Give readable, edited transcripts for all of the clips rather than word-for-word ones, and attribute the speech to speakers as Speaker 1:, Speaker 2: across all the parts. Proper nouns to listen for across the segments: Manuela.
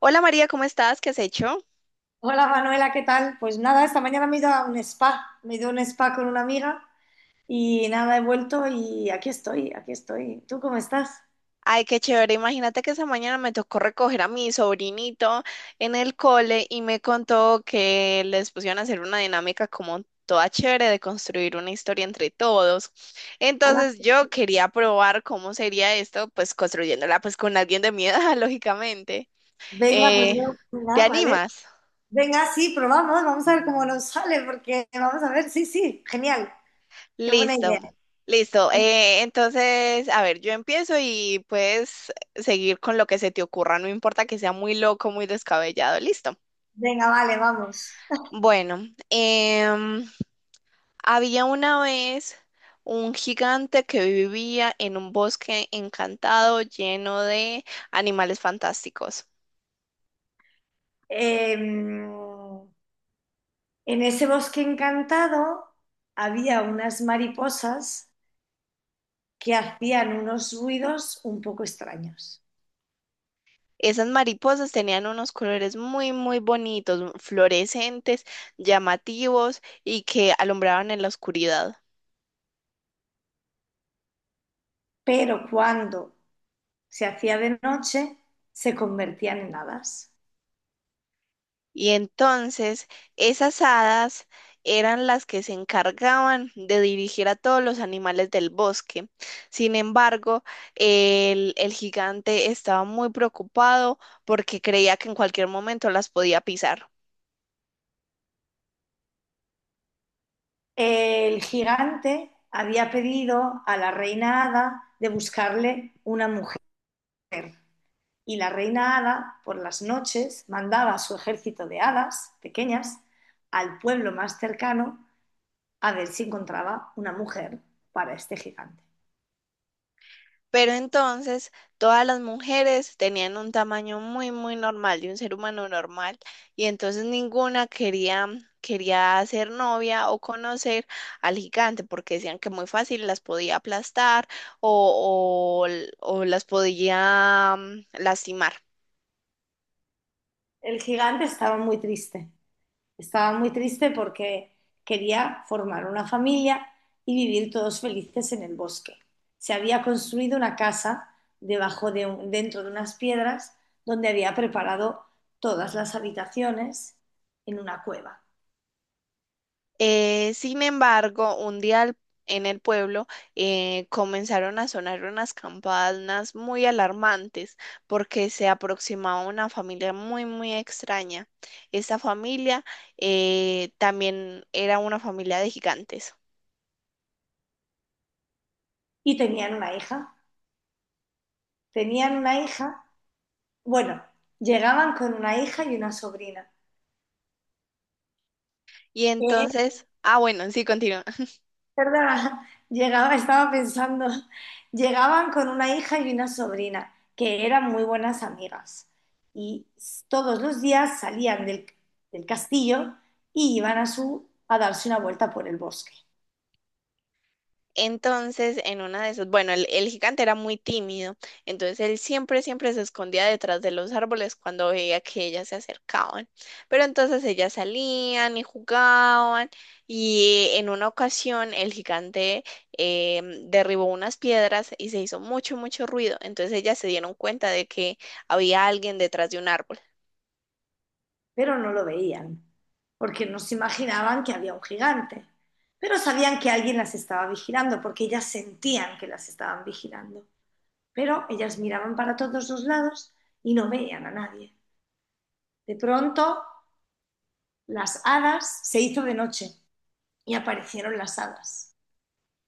Speaker 1: Hola María, ¿cómo estás? ¿Qué has hecho?
Speaker 2: Hola Manuela, ¿qué tal? Pues nada, esta mañana me he ido a un spa, con una amiga y nada, he vuelto y aquí estoy, aquí estoy. ¿Tú cómo estás?
Speaker 1: Ay, qué chévere. Imagínate que esa mañana me tocó recoger a mi sobrinito en el cole y me contó que les pusieron a hacer una dinámica como toda chévere de construir una historia entre todos.
Speaker 2: Hola.
Speaker 1: Entonces yo quería probar cómo sería esto, pues construyéndola pues con alguien de mi edad, lógicamente.
Speaker 2: Venga, pues
Speaker 1: Eh,
Speaker 2: yo,
Speaker 1: ¿Te
Speaker 2: nada, ¿vale?
Speaker 1: animas?
Speaker 2: Venga, sí, probamos, vamos a ver cómo nos sale, porque vamos a ver, sí, sí, genial, qué buena
Speaker 1: Listo,
Speaker 2: idea.
Speaker 1: listo. Entonces, a ver, yo empiezo y puedes seguir con lo que se te ocurra, no importa que sea muy loco, muy descabellado, listo.
Speaker 2: Venga, vale, vamos.
Speaker 1: Bueno, había una vez un gigante que vivía en un bosque encantado lleno de animales fantásticos.
Speaker 2: Em, en ese bosque encantado había unas mariposas que hacían unos ruidos un poco extraños.
Speaker 1: Esas mariposas tenían unos colores muy, muy bonitos, fluorescentes, llamativos y que alumbraban en la oscuridad.
Speaker 2: Pero cuando se hacía de noche, se convertían en hadas.
Speaker 1: Y entonces esas hadas eran las que se encargaban de dirigir a todos los animales del bosque. Sin embargo, el gigante estaba muy preocupado porque creía que en cualquier momento las podía pisar.
Speaker 2: El gigante había pedido a la reina hada de buscarle una mujer, y la reina hada por las noches mandaba a su ejército de hadas pequeñas al pueblo más cercano a ver si encontraba una mujer para este gigante.
Speaker 1: Pero entonces todas las mujeres tenían un tamaño muy, muy normal de un ser humano normal y entonces ninguna quería ser novia o conocer al gigante porque decían que muy fácil las podía aplastar o, o, o las podía lastimar.
Speaker 2: El gigante estaba muy triste. Estaba muy triste porque quería formar una familia y vivir todos felices en el bosque. Se había construido una casa dentro de unas piedras donde había preparado todas las habitaciones en una cueva.
Speaker 1: Sin embargo, en el pueblo comenzaron a sonar unas campanas muy alarmantes porque se aproximaba una familia muy, muy extraña. Esta familia también era una familia de gigantes.
Speaker 2: Y tenían una hija. Tenían una hija, bueno, llegaban con una hija y una sobrina.
Speaker 1: Y
Speaker 2: Eh,
Speaker 1: entonces, ah, bueno, sí, continúa.
Speaker 2: ¿Verdad? Llegaba, estaba pensando, llegaban con una hija y una sobrina, que eran muy buenas amigas. Todos los días salían del castillo y iban a, su, a darse una vuelta por el bosque,
Speaker 1: Entonces, en una de esas, bueno, el gigante era muy tímido, entonces él siempre se escondía detrás de los árboles cuando veía que ellas se acercaban. Pero entonces ellas salían y jugaban y en una ocasión el gigante derribó unas piedras y se hizo mucho, mucho ruido. Entonces ellas se dieron cuenta de que había alguien detrás de un árbol.
Speaker 2: pero no lo veían, porque no se imaginaban que había un gigante. Pero sabían que alguien las estaba vigilando, porque ellas sentían que las estaban vigilando. Pero ellas miraban para todos los lados y no veían a nadie. De pronto se hizo de noche y aparecieron las hadas.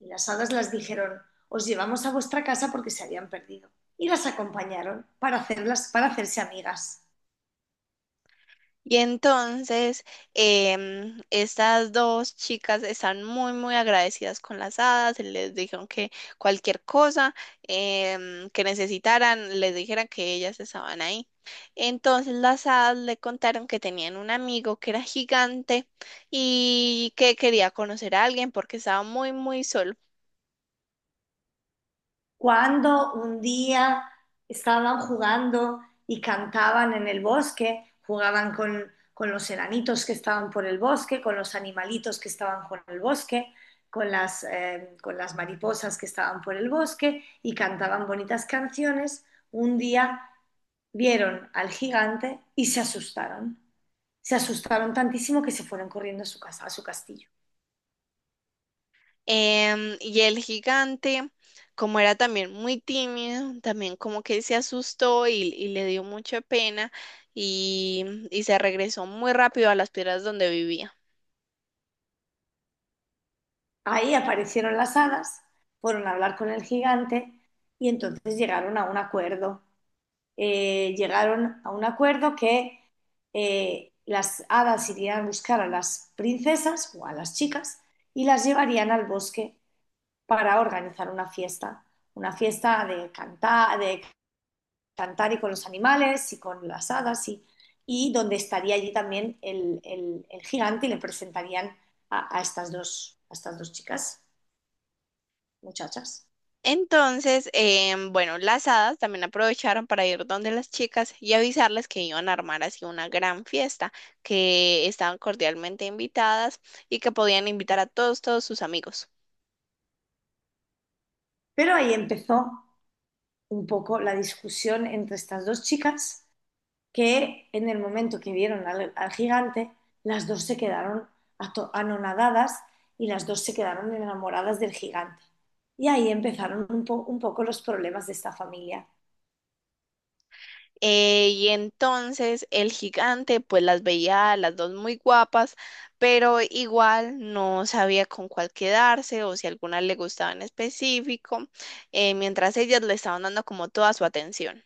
Speaker 2: Y las hadas las dijeron, os llevamos a vuestra casa porque se habían perdido. Y las acompañaron para hacerse amigas.
Speaker 1: Y entonces, estas dos chicas están muy, muy agradecidas con las hadas. Les dijeron que cualquier cosa que necesitaran, les dijeran que ellas estaban ahí. Entonces, las hadas le contaron que tenían un amigo que era gigante y que quería conocer a alguien porque estaba muy, muy solo.
Speaker 2: Cuando un día estaban jugando y cantaban en el bosque, jugaban con los enanitos que estaban por el bosque, con los animalitos que estaban por el bosque, con las mariposas que estaban por el bosque y cantaban bonitas canciones, un día vieron al gigante y se asustaron. Se asustaron tantísimo que se fueron corriendo a su casa, a su castillo.
Speaker 1: Y el gigante, como era también muy tímido, también como que se asustó y le dio mucha pena y, y se regresó muy rápido a las piedras donde vivía.
Speaker 2: Ahí aparecieron las hadas, fueron a hablar con el gigante y entonces llegaron a un acuerdo. Llegaron a un acuerdo que las hadas irían a buscar a las princesas o a las chicas y las llevarían al bosque para organizar una fiesta de cantar, de cantar, y con los animales y con las hadas, y donde estaría allí también el gigante, y le presentarían a estas dos chicas, muchachas.
Speaker 1: Entonces, bueno, las hadas también aprovecharon para ir donde las chicas y avisarles que iban a armar así una gran fiesta, que estaban cordialmente invitadas y que podían invitar a todos sus amigos.
Speaker 2: Pero ahí empezó un poco la discusión entre estas dos chicas, que en el momento que vieron al gigante, las dos se quedaron anonadadas y las dos se quedaron enamoradas del gigante. Y ahí empezaron un poco los problemas de esta familia.
Speaker 1: Y entonces el gigante pues las veía a las dos muy guapas, pero igual no sabía con cuál quedarse o si alguna le gustaba en específico, mientras ellas le estaban dando como toda su atención.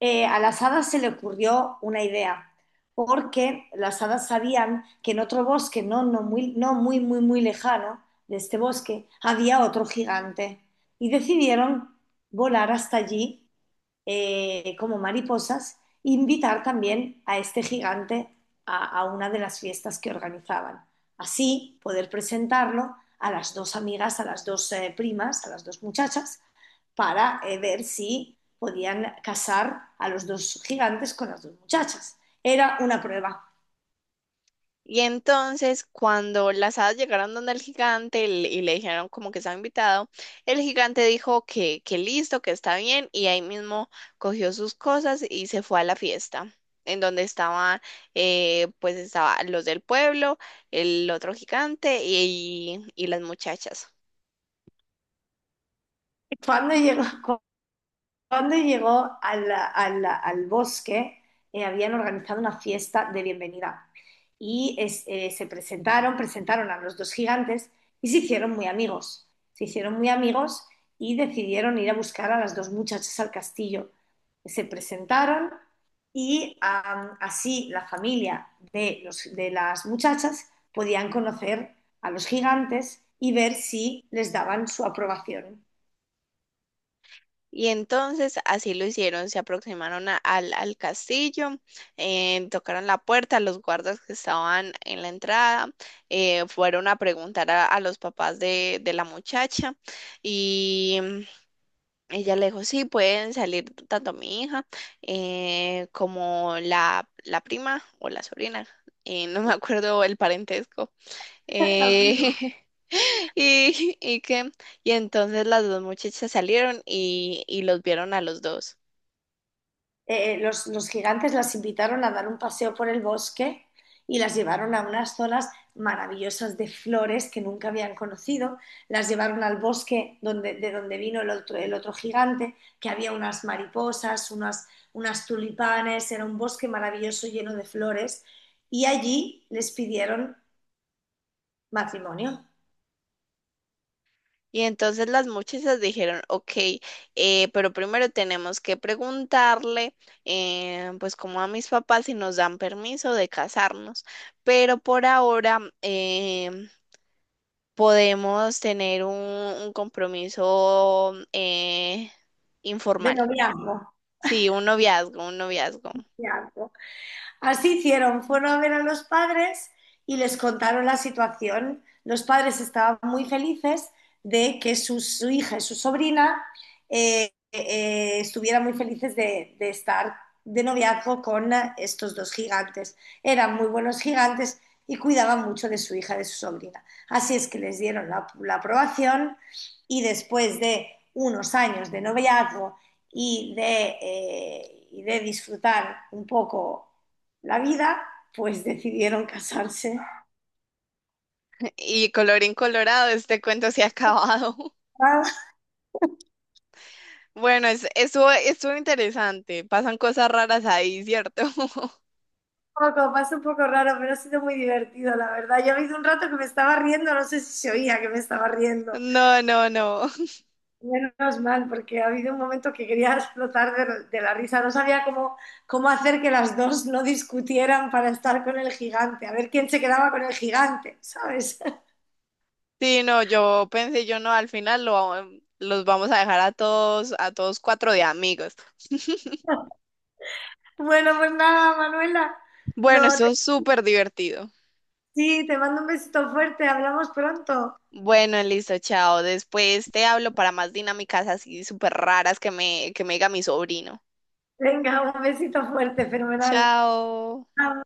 Speaker 2: A las hadas se le ocurrió una idea, porque las hadas sabían que en otro bosque, no, no muy, no muy, muy, muy lejano de este bosque, había otro gigante y decidieron volar hasta allí, como mariposas, invitar también a este gigante a una de las fiestas que organizaban. Así poder presentarlo a las dos amigas, a las dos primas, a las dos muchachas, para ver si podían casar a los dos gigantes con las dos muchachas. Era una prueba.
Speaker 1: Y entonces, cuando las hadas llegaron donde el gigante y le dijeron como que estaba invitado, el gigante dijo que listo, que está bien, y ahí mismo cogió sus cosas y se fue a la fiesta, en donde estaban, pues estaban los del pueblo, el otro gigante y las muchachas.
Speaker 2: Cuando llegó, cuando llegó al al bosque, habían organizado una fiesta de bienvenida y se presentaron, presentaron a los dos gigantes y se hicieron muy amigos. Se hicieron muy amigos y decidieron ir a buscar a las dos muchachas al castillo. Se presentaron y así la familia de las muchachas podían conocer a los gigantes y ver si les daban su aprobación.
Speaker 1: Y entonces así lo hicieron, se aproximaron al castillo, tocaron la puerta, los guardas que estaban en la entrada, fueron a preguntar a los papás de la muchacha y ella le dijo, sí, pueden salir tanto mi hija como la prima o la sobrina, no me acuerdo el parentesco. Eh, y, y que, y entonces las dos muchachas salieron y los vieron a los dos.
Speaker 2: Los gigantes las invitaron a dar un paseo por el bosque y las llevaron a unas zonas maravillosas de flores que nunca habían conocido, las llevaron al bosque donde, de donde vino el otro gigante, que había unas mariposas, unas, unas tulipanes, era un bosque maravilloso lleno de flores, y allí les pidieron matrimonio,
Speaker 1: Y entonces las muchachas dijeron, ok, pero primero tenemos que preguntarle, pues como a mis papás si nos dan permiso de casarnos, pero por ahora podemos tener un compromiso
Speaker 2: de
Speaker 1: informal,
Speaker 2: noviazgo.
Speaker 1: sí, un noviazgo, un noviazgo.
Speaker 2: Así hicieron, fueron a ver a los padres y les contaron la situación. Los padres estaban muy felices de que su hija y su sobrina estuvieran muy felices de estar de noviazgo con estos dos gigantes. Eran muy buenos gigantes y cuidaban mucho de su hija, y de su sobrina. Así es que les dieron la, la aprobación y después de unos años de noviazgo y de disfrutar un poco la vida, pues decidieron casarse.
Speaker 1: Y colorín colorado, este cuento se ha acabado.
Speaker 2: Ah,
Speaker 1: Bueno, estuvo interesante. Pasan cosas raras ahí, ¿cierto?
Speaker 2: un poco, pasa un poco raro, pero ha sido muy divertido, la verdad. Yo ha habido un rato que me estaba riendo, no sé si se oía que me estaba riendo.
Speaker 1: No, no, no.
Speaker 2: Menos mal, porque ha habido un momento que quería explotar de la risa. No sabía cómo, cómo hacer que las dos no discutieran para estar con el gigante, a ver quién se quedaba con el gigante, ¿sabes?
Speaker 1: Sí, no, yo pensé, yo no, al final los vamos a dejar a todos cuatro de amigos.
Speaker 2: Bueno, pues nada, Manuela.
Speaker 1: Bueno,
Speaker 2: No, te-
Speaker 1: eso es súper divertido.
Speaker 2: Sí, te mando un besito fuerte, hablamos pronto.
Speaker 1: Bueno, listo, chao. Después te hablo para más dinámicas así súper raras que me diga mi sobrino.
Speaker 2: Venga, un besito fuerte, fenomenal.
Speaker 1: Chao.
Speaker 2: Chao.